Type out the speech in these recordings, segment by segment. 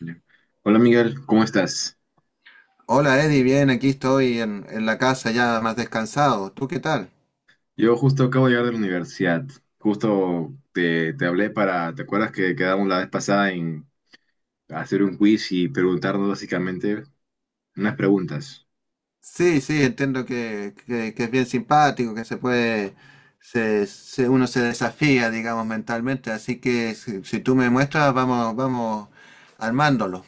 Ya. Hola Miguel, ¿cómo estás? Hola Eddie, bien, aquí estoy en la casa ya más descansado. ¿Tú qué tal? Yo justo acabo de llegar de la universidad. Justo te hablé para, ¿te acuerdas que quedamos la vez pasada en hacer un quiz y preguntarnos básicamente unas preguntas? Sí, entiendo que es bien simpático, que se puede, uno se desafía, digamos, mentalmente, así que si tú me muestras, vamos, vamos armándolo.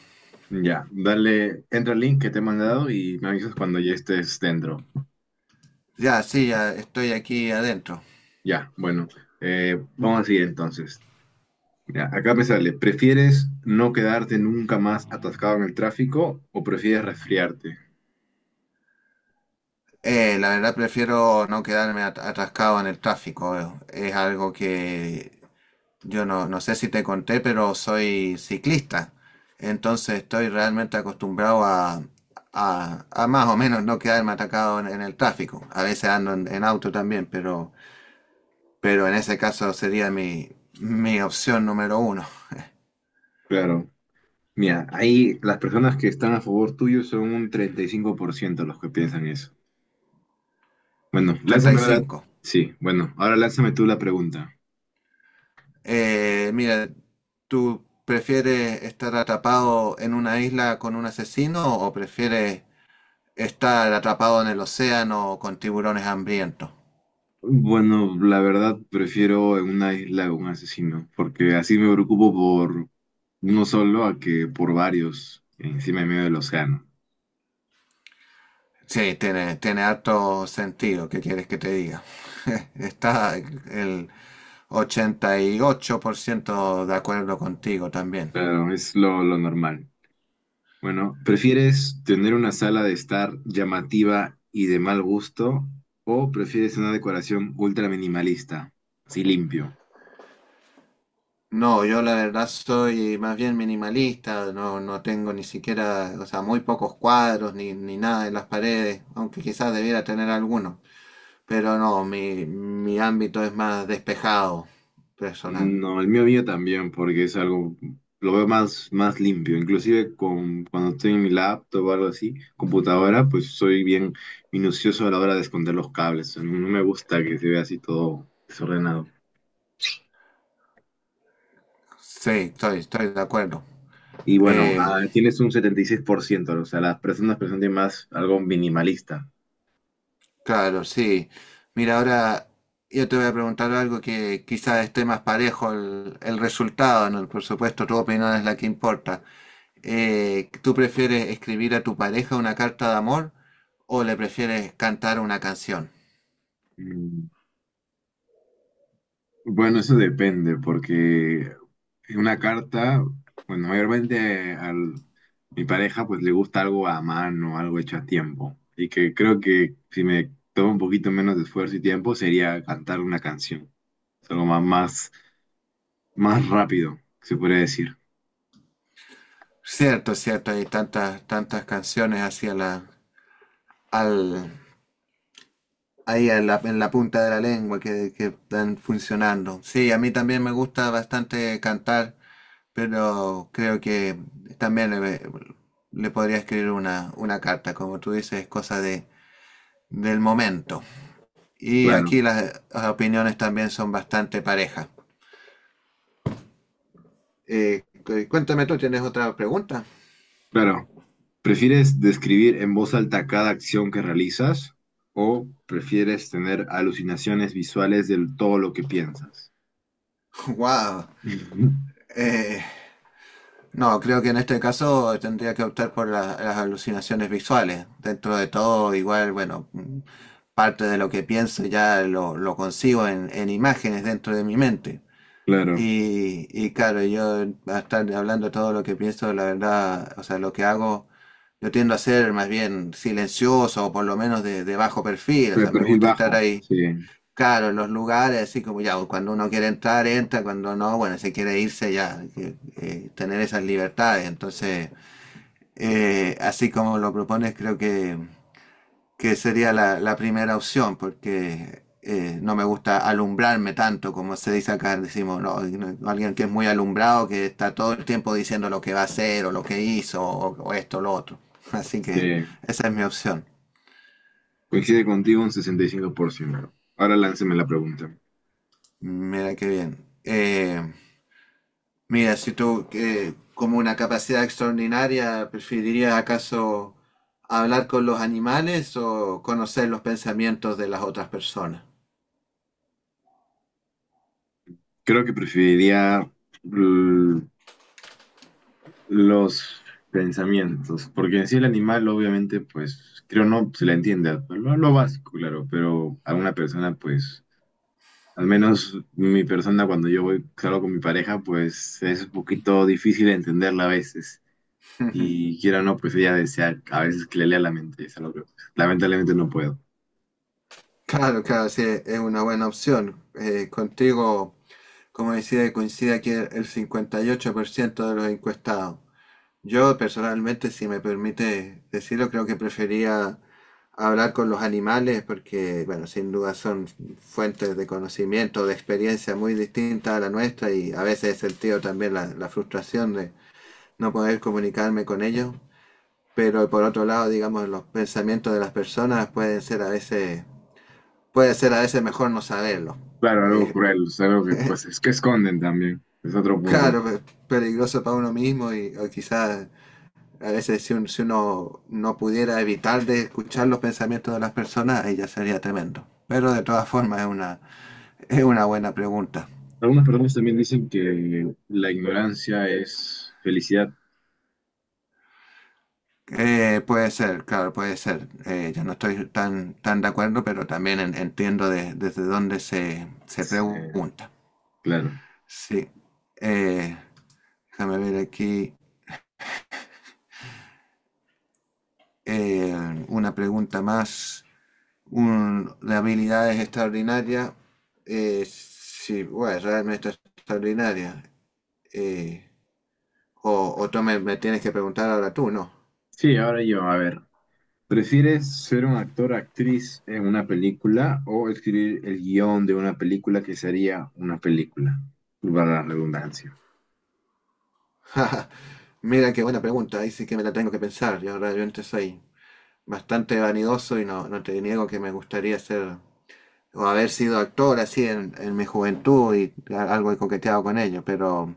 Ya, dale, entra al link que te he mandado y me avisas cuando ya estés dentro. Ya, sí, ya estoy aquí adentro. Ya, bueno, vamos a seguir entonces. Mira, acá me sale, ¿prefieres no quedarte nunca más atascado en el tráfico o prefieres resfriarte? La verdad prefiero no quedarme atascado en el tráfico. Es algo que yo no sé si te conté, pero soy ciclista. Entonces estoy realmente acostumbrado a, a más o menos no quedarme atacado en el tráfico. A veces ando en auto también, pero en ese caso sería mi opción número uno. Claro. Mira, ahí las personas que están a favor tuyo son un 35% los que piensan eso. Bueno, lánzame ahora. 35. Sí, bueno, ahora lánzame tú la pregunta. Mira, ¿tú prefieres estar atrapado en una isla con un asesino o prefieres estar atrapado en el océano con tiburones hambrientos? Bueno, la verdad prefiero en una isla un asesino, porque así me preocupo por uno solo a que por varios encima en medio del océano. Sí, tiene harto sentido, ¿qué quieres que te diga? Está el 88% de acuerdo contigo también. Claro, es lo normal. Bueno, ¿prefieres tener una sala de estar llamativa y de mal gusto o prefieres una decoración ultra minimalista, así limpio? No, yo la verdad soy más bien minimalista, no tengo ni siquiera, o sea, muy pocos cuadros ni nada en las paredes, aunque quizás debiera tener alguno. Pero no, mi ámbito es más despejado, personal. No, el mío mío también, porque es algo, lo veo más, más limpio. Inclusive con, cuando estoy en mi laptop o algo así, computadora, pues soy bien minucioso a la hora de esconder los cables. O sea, no me gusta que se vea así todo desordenado. Sí, estoy de acuerdo. Y bueno, Eh, ah, tienes un 76%, o sea, las personas presentan más algo minimalista. Claro, sí. Mira, ahora yo te voy a preguntar algo que quizás esté más parejo el resultado, ¿no? Por supuesto, tu opinión es la que importa. ¿Tú prefieres escribir a tu pareja una carta de amor o le prefieres cantar una canción? Mm, bueno, eso depende, porque en una carta, bueno, mayormente a mi pareja pues le gusta algo a mano, algo hecho a tiempo. Y que creo que si me toma un poquito menos de esfuerzo y tiempo sería cantar una canción. Es algo más, más, más rápido, se podría decir. Cierto, cierto, hay tantas canciones hacia al, ahí en en la punta de la lengua que están funcionando. Sí, a mí también me gusta bastante cantar. Pero creo que también le podría escribir una carta, como tú dices, es cosa de, del momento. Y Claro, aquí las opiniones también son bastante parejas. Cuéntame tú, ¿tienes otra pregunta? claro. ¿Prefieres describir en voz alta cada acción que realizas o prefieres tener alucinaciones visuales de todo lo que piensas? Wow. Eh, no, creo que en este caso tendría que optar por las alucinaciones visuales. Dentro de todo, igual, bueno, parte de lo que pienso ya lo consigo en imágenes dentro de mi mente. Claro, Y claro, yo a estar hablando todo lo que pienso, la verdad, o sea, lo que hago, yo tiendo a ser más bien silencioso o por lo menos de bajo perfil, o de sea, me perfil gusta estar bajo, ahí, sí, claro, en los lugares, así como ya, cuando uno quiere entrar, entra, cuando no, bueno, si quiere irse ya, que, tener esas libertades. Entonces, así como lo propones, creo que sería la primera opción, porque no me gusta alumbrarme tanto, como se dice acá, decimos, no, no, alguien que es muy alumbrado, que está todo el tiempo diciendo lo que va a hacer o lo que hizo o esto o lo otro. Así que sí. esa es mi opción. Coincide contigo un 65%. Ahora lánceme la pregunta. Mira qué bien. Eh, Mira, si tú como una capacidad extraordinaria, ¿preferirías acaso hablar con los animales o conocer los pensamientos de las otras personas? Creo que preferiría l- los pensamientos, porque en sí el animal obviamente, pues, creo no se le entiende, lo básico, claro, pero a una persona, pues, al menos mi persona cuando yo voy, salgo con mi pareja, pues es un poquito difícil de entenderla a veces. Y quiera o no, pues ella desea a veces que le lea la mente, es algo que pues, lamentablemente no puedo. Claro, claro, sí, es una buena opción. Contigo, como decía, coincide aquí el 58% de los encuestados. Yo personalmente, si me permite decirlo, creo que prefería hablar con los animales porque, bueno, sin duda son fuentes de conocimiento, de experiencia muy distintas a la nuestra y a veces he sentido también la frustración de no poder comunicarme con ellos. Pero por otro lado, digamos, los pensamientos de las personas pueden ser a veces puede ser a veces mejor no saberlo. Claro, algo Eh, cruel, es algo que pues es que esconden también, es otro punto. claro, peligroso para uno mismo y o quizás a veces si, si uno no pudiera evitar de escuchar los pensamientos de las personas, ahí ya sería tremendo. Pero de todas formas es es una buena pregunta. Algunas personas también dicen que la ignorancia es felicidad. Puede ser, claro, puede ser. Yo no estoy tan de acuerdo, pero también entiendo desde dónde se Eh, pregunta. claro. Sí. Eh, Déjame ver aquí una pregunta más. Un- de habilidades extraordinarias. Eh, sí, bueno, realmente extraordinaria. Eh, o tú me tienes que preguntar ahora tú, ¿no? Sí, ahora yo, a ver. ¿Prefieres ser un actor, actriz en una película o escribir el guión de una película que sería una película? Para la redundancia. Mira qué buena pregunta, ahí sí que me la tengo que pensar. Yo realmente soy bastante vanidoso y no, no te niego que me gustaría ser o haber sido actor así en mi juventud y algo he coqueteado con ello,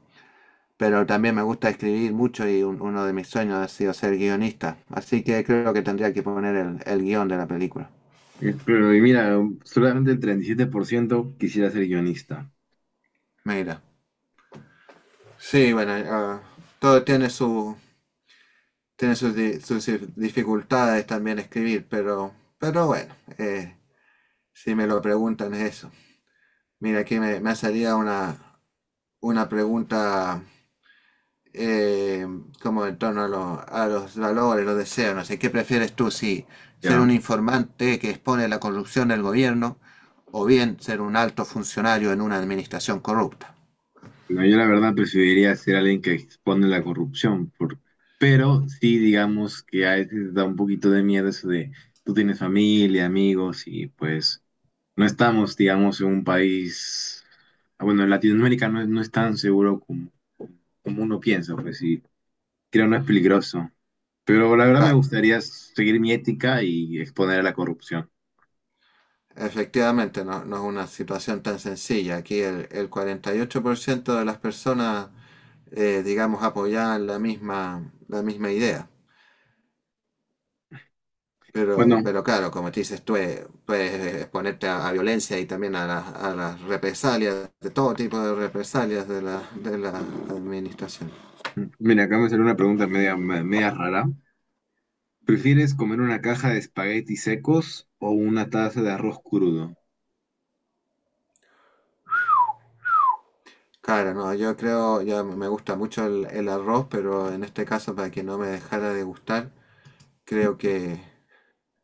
pero también me gusta escribir mucho y uno de mis sueños ha sido ser guionista. Así que creo que tendría que poner el guión de la película. Es- Pero y mira, solamente el 37% quisiera ser guionista. Mira. Sí, bueno, ah, todo tiene su tiene sus dificultades también escribir, pero bueno, si me lo preguntan es eso. Mira, aquí me salía una pregunta eh, como en torno a, a los valores, los deseos, no sé, ¿qué prefieres tú? Si ser ¿Ya? un informante que expone la corrupción del gobierno o bien ser un alto funcionario en una administración corrupta. No, yo la verdad preferiría ser alguien que expone la corrupción, por- pero sí digamos que a veces da un poquito de miedo eso de tú tienes familia, amigos y pues no estamos, digamos, en un país, ah, bueno, en Latinoamérica no, es- no es tan seguro como, como uno piensa, pues sí, creo no es peligroso, pero la verdad me Ca- gustaría seguir mi ética y exponer a la corrupción. Efectivamente, no, no es una situación tan sencilla. Aquí el 48% de las personas, digamos, apoyaban la misma idea. Bueno, Pero claro, como te dices, tú puedes exponerte a violencia y también a a las represalias, de todo tipo de represalias de de la administración. mira, acá me salió una pregunta media, media rara. ¿Prefieres comer una caja de espaguetis secos o una taza de arroz crudo? Claro, no, yo creo, ya me gusta mucho el arroz, pero en este caso, para que no me dejara de gustar, creo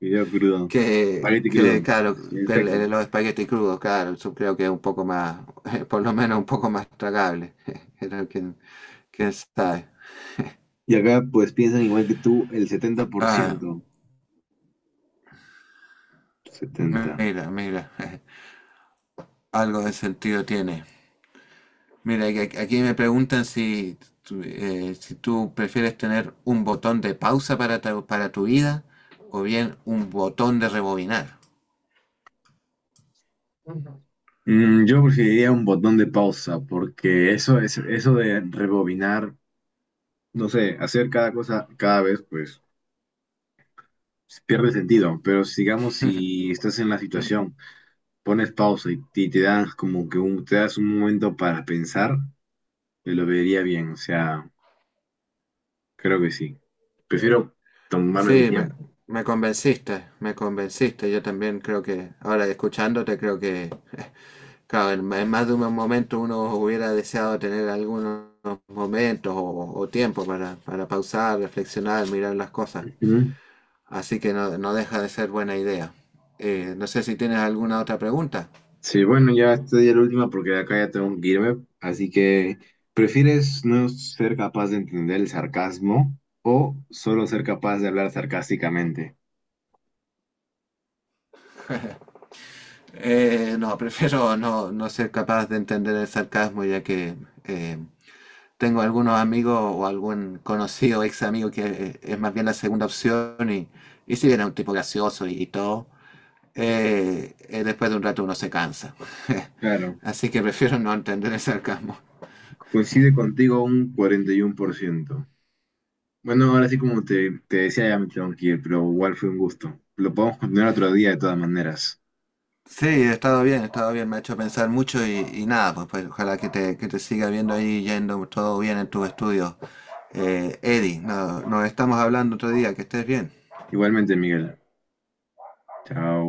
Video crudo. Espagueti que crudo. claro, Bien que seco. Los espaguetis crudos, claro, eso creo que es un poco más, por lo menos un poco más tragable. Creo que, quién sabe. Y acá pues piensan igual que tú, el Ah, 70%. 70. mira, mira. Algo de sentido tiene. Mira, aquí aquí me preguntan si, si tú prefieres tener un botón de pausa para para tu vida o bien un botón de rebobinar. Mm, yo preferiría un botón de pausa porque eso es eso de rebobinar, no sé, hacer cada cosa cada vez pues pierde sentido, pero sigamos si estás en la situación, pones pausa y te das como que un, te das un momento para pensar, te lo vería bien, o sea, creo que sí. Prefiero tomarme mi Sí, tiempo. me convenciste, me convenciste. Yo también creo que, ahora escuchándote, creo que, claro, en más de un momento uno hubiera deseado tener algunos momentos o tiempo para pausar, reflexionar, mirar las cosas. Ujú. Así que no, no deja de ser buena idea. No sé si tienes alguna otra pregunta. Sí, bueno, ya esta ya es la última porque de acá ya tengo que irme. Así que, ¿prefieres no ser capaz de entender el sarcasmo o solo ser capaz de hablar sarcásticamente? No, prefiero no ser capaz de entender el sarcasmo ya que eh, tengo algunos amigos o algún conocido ex amigo que es más bien la segunda opción y si bien es un tipo gracioso y todo, después de un rato uno se cansa. Claro, Así que prefiero no entender el sarcasmo. coincide contigo un 41%. Bueno, ahora sí, como te decía, ya me tengo que ir, pero igual fue un gusto. Lo podemos continuar otro día de todas maneras. Sí, he estado bien, me ha hecho pensar mucho y nada, pues, pues, ojalá que te siga viendo ahí yendo todo bien en tus estudios. Eddie, nos estamos hablando otro día, que estés bien. Igualmente, Miguel. Chao.